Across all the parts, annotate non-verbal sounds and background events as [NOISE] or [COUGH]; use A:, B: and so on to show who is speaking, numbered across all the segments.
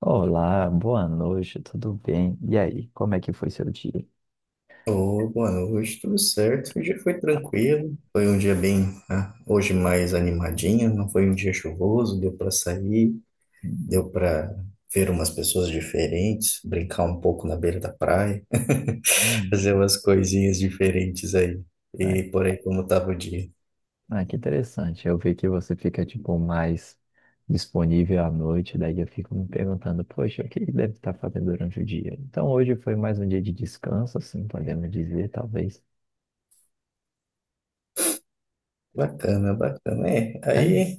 A: Olá, boa noite, tudo bem? E aí, como é que foi seu dia?
B: Ô, boa noite, tudo certo? O dia foi tranquilo, foi um dia bem, né, hoje mais animadinho, não foi um dia chuvoso, deu para sair,
A: Hum,
B: deu para ver umas pessoas diferentes, brincar um pouco na beira da praia, [LAUGHS]
A: hum,
B: fazer umas coisinhas diferentes aí.
A: é.
B: E por aí como tava o dia.
A: Ah, que interessante. Eu vi que você fica, tipo, mais disponível à noite, daí eu fico me perguntando, poxa, o que ele deve estar fazendo durante o dia? Então, hoje foi mais um dia de descanso, assim, podemos dizer, talvez.
B: Bacana, bacana. É,
A: É?
B: aí,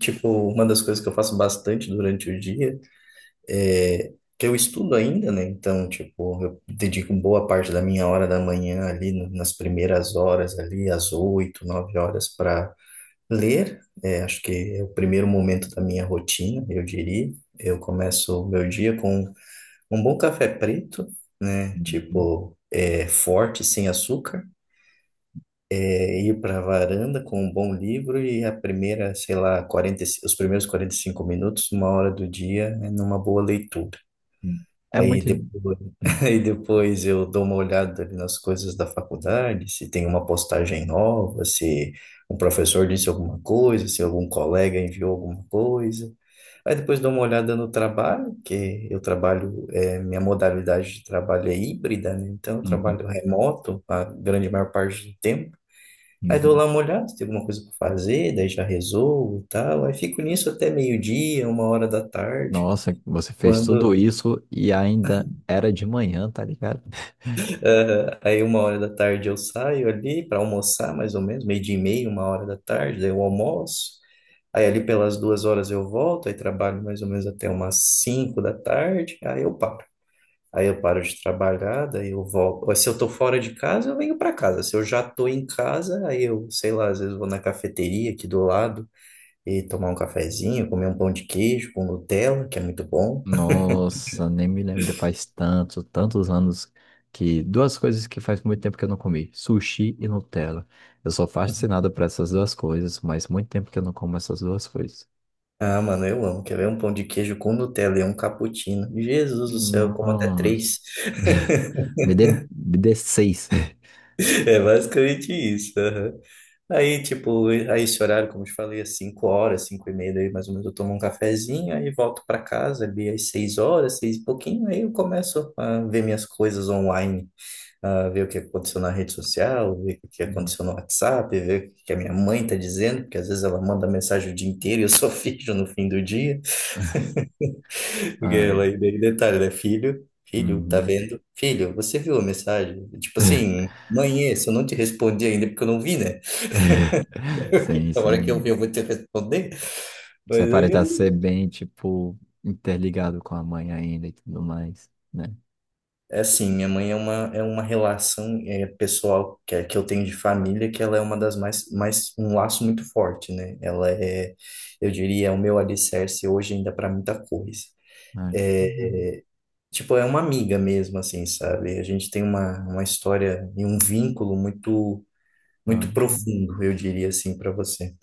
B: tipo, uma das coisas que eu faço bastante durante o dia é, que eu estudo ainda, né? Então, tipo, eu dedico boa parte da minha hora da manhã ali, nas primeiras horas ali, às 8, 9 horas, para ler. É, acho que é o primeiro momento da minha rotina, eu diria. Eu começo o meu dia com um bom café preto, né?
A: Uhum,
B: Tipo, é, forte, sem açúcar. É, ir para a varanda com um bom livro e a primeira, sei lá, 40, os primeiros 45 minutos, uma hora do dia, é numa boa leitura.
A: uhum. É
B: Aí
A: muito.
B: depois, [LAUGHS]
A: Hum,
B: aí depois eu dou uma olhada ali nas coisas da faculdade, se tem uma postagem nova, se um professor disse alguma coisa, se algum colega enviou alguma coisa. Aí depois dou uma olhada no trabalho, que eu trabalho, minha modalidade de trabalho é híbrida, né? Então eu
A: uhum,
B: trabalho remoto a grande maior parte do tempo. Aí dou
A: uhum.
B: lá uma olhada, se tem alguma coisa para fazer, daí já resolvo e tal. Aí fico nisso até meio-dia, uma hora da tarde.
A: Nossa, você fez tudo
B: Quando
A: isso e ainda era de manhã, tá ligado?
B: Aham. Aí uma hora da tarde eu saio ali para almoçar, mais ou menos, meio dia e meia, uma hora da tarde, daí eu almoço. Aí ali pelas 2 horas eu volto, aí trabalho mais ou menos até umas 5 da tarde, aí eu paro. Aí eu paro de trabalhar, daí eu volto. Ou, se eu tô fora de casa, eu venho para casa. Se eu já tô em casa, aí eu, sei lá, às vezes vou na cafeteria aqui do lado e tomar um cafezinho, comer um pão de queijo com Nutella, que é muito bom.
A: Nossa, nem me lembro, faz tanto, tantos anos que duas coisas que faz muito tempo que eu não comi, sushi e Nutella. Eu sou fascinado por essas duas coisas, mas muito tempo que eu não como essas duas coisas.
B: Ah, mano, eu amo. Quer ver um pão de queijo com Nutella e um cappuccino? Jesus do céu, eu como até
A: Nossa,
B: três. [LAUGHS]
A: [LAUGHS] me dê seis.
B: É basicamente isso. Aham. Aí, tipo, aí esse horário, como eu te falei, às 5 horas, 5h30, daí mais ou menos eu tomo um cafezinho, aí volto pra casa ali às 6 horas, seis e pouquinho, aí eu começo a ver minhas coisas online, a ver o que aconteceu na rede social, ver o que
A: Uhum.
B: aconteceu no WhatsApp, ver o que a minha mãe tá dizendo, porque às vezes ela manda mensagem o dia inteiro e eu só [LAUGHS] vejo no fim do dia. Porque
A: Ah,
B: ela, e daí detalhe, né? Filho, filho, tá
A: uhum.
B: vendo? Filho, você viu a mensagem? Tipo assim, mãe, esse eu não te respondi ainda porque eu não vi, né?
A: [LAUGHS] Sim,
B: [LAUGHS] A hora que eu vi,
A: sim.
B: eu vou te responder.
A: Você
B: Mas
A: aparenta
B: aí,
A: ser bem, tipo, interligado com a mãe ainda e tudo mais, né?
B: é assim, minha mãe é uma relação é, pessoal que eu tenho de família, que ela é uma das um laço muito forte, né? Ela é, eu diria, é o meu alicerce hoje ainda para muita coisa.
A: Mas, uhum,
B: é Tipo, é uma amiga mesmo, assim, sabe? A gente tem uma história e um vínculo muito, muito profundo, eu diria assim, para você.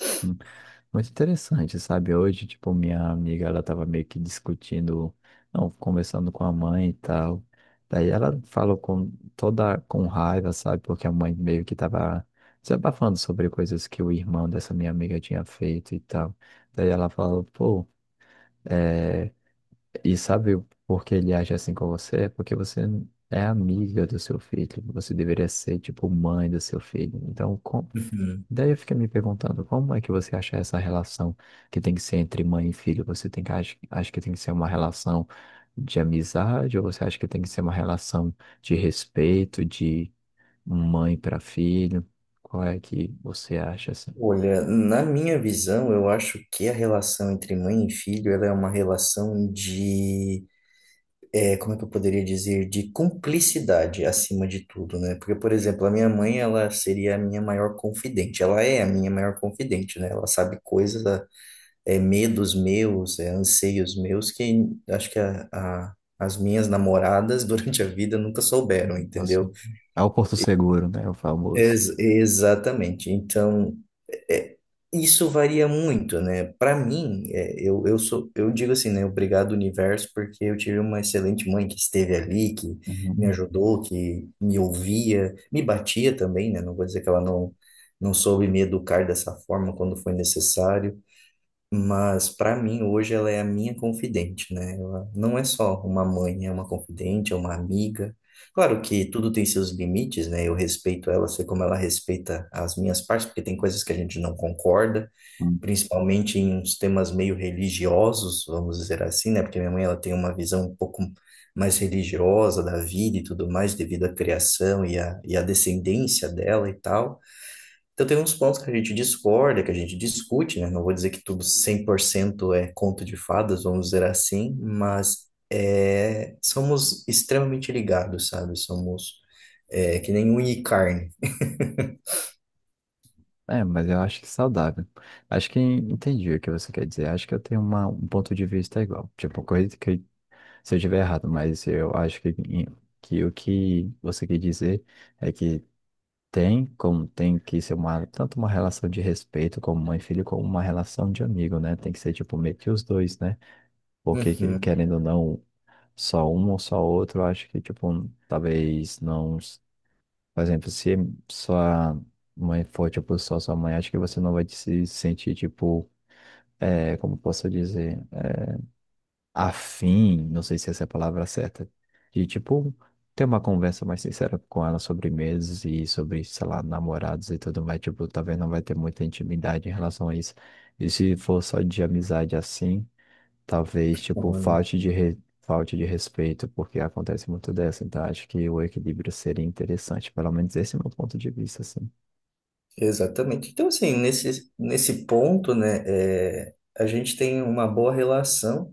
A: muito interessante, sabe? Hoje, tipo, minha amiga, ela tava meio que discutindo, não, conversando com a mãe e tal. Daí ela falou com toda, com raiva, sabe? Porque a mãe meio que tava desabafando sobre coisas que o irmão dessa minha amiga tinha feito e tal. Daí ela falou, pô, é... e sabe por que ele age assim com você? É porque você é amiga do seu filho, você deveria ser, tipo, mãe do seu filho. Então, com-
B: Uhum.
A: daí eu fiquei me perguntando, como é que você acha essa relação que tem que ser entre mãe e filho? Você tem que, acha, acha que tem que ser uma relação de amizade ou você acha que tem que ser uma relação de respeito, de mãe para filho? Qual é que você acha assim?
B: Olha, na minha visão, eu acho que a relação entre mãe e filho, ela é uma relação de, como é que eu poderia dizer, de cumplicidade acima de tudo, né? Porque, por exemplo, a minha mãe, ela seria a minha maior confidente. Ela é a minha maior confidente, né? Ela sabe coisas medos meus, anseios meus que acho que as minhas namoradas [LAUGHS] durante a vida nunca souberam,
A: Você-
B: entendeu?
A: é o Porto Seguro, né? O famoso.
B: Exatamente. Então, é, isso varia muito, né? Para mim, eu digo assim, né? Obrigado, universo, porque eu tive uma excelente mãe que esteve ali, que me
A: Uhum.
B: ajudou, que me ouvia, me batia também, né? Não vou dizer que ela não, não soube me educar dessa forma quando foi necessário, mas para mim hoje ela é a minha confidente, né? Ela não é só uma mãe, é uma confidente, é uma amiga. Claro que tudo tem seus limites, né? Eu respeito ela, sei como ela respeita as minhas partes, porque tem coisas que a gente não concorda,
A: Uhum.
B: principalmente em uns temas meio religiosos, vamos dizer assim, né? Porque minha mãe ela tem uma visão um pouco mais religiosa da vida e tudo mais, devido à criação e à descendência dela e tal. Então, tem uns pontos que a gente discorda, que a gente discute, né? Não vou dizer que tudo 100% é conto de fadas, vamos dizer assim, mas é, somos extremamente ligados, sabe? Somos que nem unha e carne. [LAUGHS]
A: É, mas eu acho que é saudável. Acho que entendi o que você quer dizer. Acho que eu tenho uma, um ponto de vista igual. Tipo, coisa que se eu estiver errado, mas eu acho que o que você quer dizer é que tem como tem que ser uma, tanto uma relação de respeito como mãe e filho, como uma relação de amigo, né? Tem que ser, tipo, meio que os dois, né? Porque, que-
B: Uhum.
A: querendo ou não, só um ou só outro, eu acho que, tipo, talvez não... s- por exemplo, se sua mãe for, tipo, só sua mãe, acho que você não vai se sentir, tipo, como posso dizer? Afim, não sei se essa é a palavra certa, de tipo ter uma conversa mais sincera com ela sobre meses e sobre, sei lá, namorados e tudo mais, tipo, talvez não vai ter muita intimidade em relação a isso. E se for só de amizade assim, talvez tipo
B: Então,
A: falte de re... falte de respeito, porque acontece muito dessa, então acho que o equilíbrio seria interessante, pelo menos esse é o meu ponto de vista, assim.
B: exatamente. Então, assim, nesse ponto, né, é, a gente tem uma boa relação,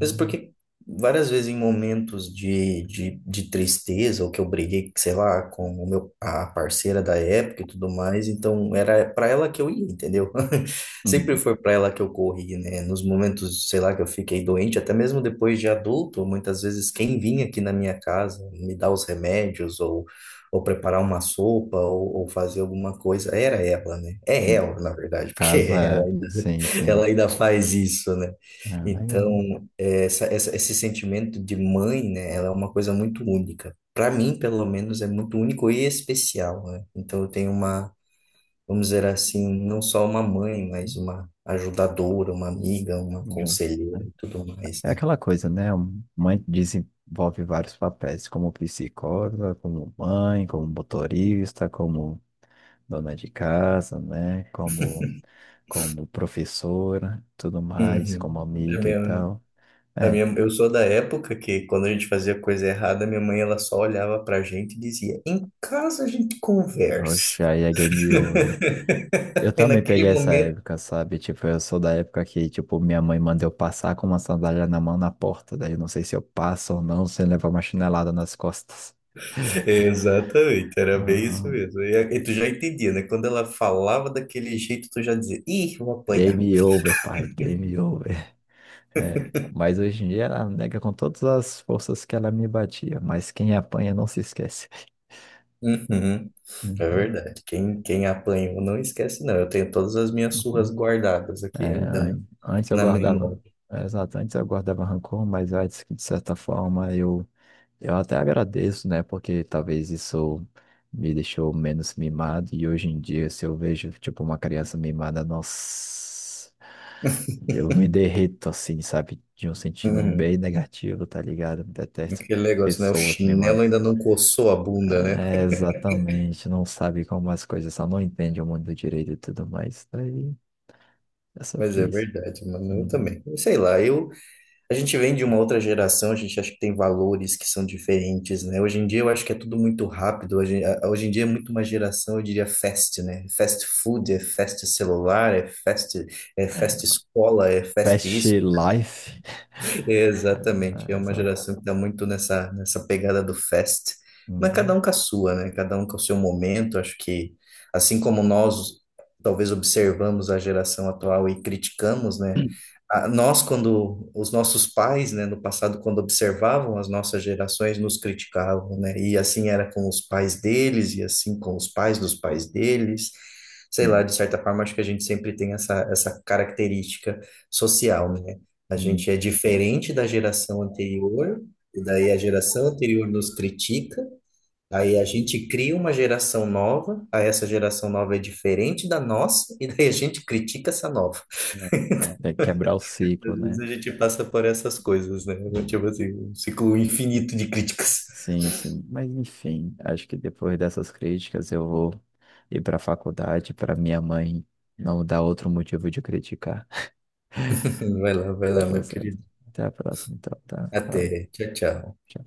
B: mesmo porque várias vezes em momentos de tristeza, ou que eu briguei, sei lá, com a parceira da época e tudo mais, então era para ela que eu ia, entendeu? [LAUGHS] Sempre
A: Uhum.
B: foi para ela que eu corri, né? Nos momentos, sei lá, que eu fiquei doente, até mesmo depois de adulto, muitas vezes quem vinha aqui na minha casa me dar os remédios ou preparar uma sopa, ou fazer alguma coisa. Era ela, né? É ela, na verdade, porque
A: Casa,
B: [LAUGHS]
A: é, sim,
B: ela
A: sim.
B: ainda faz isso, né?
A: Ah,
B: Então,
A: legal.
B: é, essa, esse sentimento de mãe, né? Ela é uma coisa muito única. Para mim, pelo menos, é muito único e especial, né? Então, eu tenho uma, vamos dizer assim, não só uma mãe, mas uma ajudadora, uma amiga, uma
A: Uhum.
B: conselheira e tudo mais,
A: É
B: né?
A: aquela coisa, né? Um- mãe desenvolve vários papéis, como psicóloga, como mãe, como motorista, como dona de casa, né? Como, como professora, tudo mais,
B: Uhum.
A: como
B: É
A: amiga e
B: meu.
A: tal.
B: A
A: É,
B: minha, eu sou da época que, quando a gente fazia coisa errada, minha mãe ela só olhava pra gente e dizia: em casa a gente conversa.
A: oxe, aí é game over. Eu
B: [LAUGHS] E
A: também peguei
B: naquele
A: essa
B: momento.
A: época, sabe? Tipo, eu sou da época que, tipo, minha mãe manda eu passar com uma sandália na mão na porta. Daí eu não sei se eu passo ou não, sem levar uma chinelada nas costas.
B: Exatamente, era bem isso
A: Ah,
B: mesmo. E, e tu já entendia, né? Quando ela falava daquele jeito, tu já dizia: ih, vou apanhar.
A: game over, pai, game over. É, mas hoje em dia ela nega com todas as forças que ela me batia, mas quem apanha não se esquece.
B: Uhum, é
A: Uhum,
B: verdade. Quem apanhou não esquece, não. Eu tenho todas as minhas surras
A: uhum.
B: guardadas
A: É,
B: aqui ainda
A: an- antes eu
B: na, na
A: guardava,
B: memória.
A: é, exato, antes eu guardava rancor, mas antes que de certa forma eu até agradeço, né? Porque talvez isso me deixou menos mimado e hoje em dia se eu vejo tipo uma criança mimada, nossa,
B: [LAUGHS]
A: eu me derreto assim, sabe? De um sentido
B: Uhum.
A: bem negativo, tá ligado? Detesto
B: Aquele negócio, né? O
A: pessoas
B: chinelo
A: mimadas.
B: ainda não coçou a bunda, né?
A: É, exatamente, não sabe como as coisas são, não entende o mundo direito e tudo mais. Daí é
B: Mas
A: sobre
B: é
A: isso.
B: verdade, mano. Eu
A: Uhum.
B: também. Eu sei lá, a gente vem de uma outra geração, a gente acha que tem valores que são diferentes, né? Hoje em dia eu acho que é tudo muito rápido. Hoje, hoje em dia é muito uma geração, eu diria, fast, né? Fast food, é fast celular, é
A: É.
B: fast escola, é fast
A: Fast
B: isso.
A: Life.
B: Exatamente,
A: É,
B: é uma
A: essa.
B: geração que está muito nessa pegada do fest, mas cada
A: Uhum.
B: um com a sua, né? Cada um com o seu momento. Acho que, assim como nós talvez observamos a geração atual e criticamos, né? A- nós, quando os nossos pais, né, no passado, quando observavam as nossas gerações, nos criticavam, né? E assim era com os pais deles, e assim com os pais dos pais deles. Sei lá,
A: Hum,
B: de certa forma, acho que a gente sempre tem essa característica social, né? A
A: hum.
B: gente é diferente da geração anterior, e daí a geração anterior nos critica, aí a gente cria uma geração nova, aí essa geração nova é diferente da nossa, e daí a gente critica essa nova.
A: É, então, tem que quebrar o
B: Às
A: ciclo,
B: vezes
A: né?
B: a gente passa por essas coisas, né? Tipo assim, um ciclo infinito de críticas.
A: Sim, sim. Mas, enfim, acho que depois dessas críticas eu vou ir para a faculdade para minha mãe não dar outro motivo de criticar.
B: [LAUGHS] Vai
A: Tá,
B: lá,
A: tá
B: meu
A: certo.
B: querido.
A: Até a próxima, então, tá?
B: Até.
A: Valeu.
B: Tchau, tchau.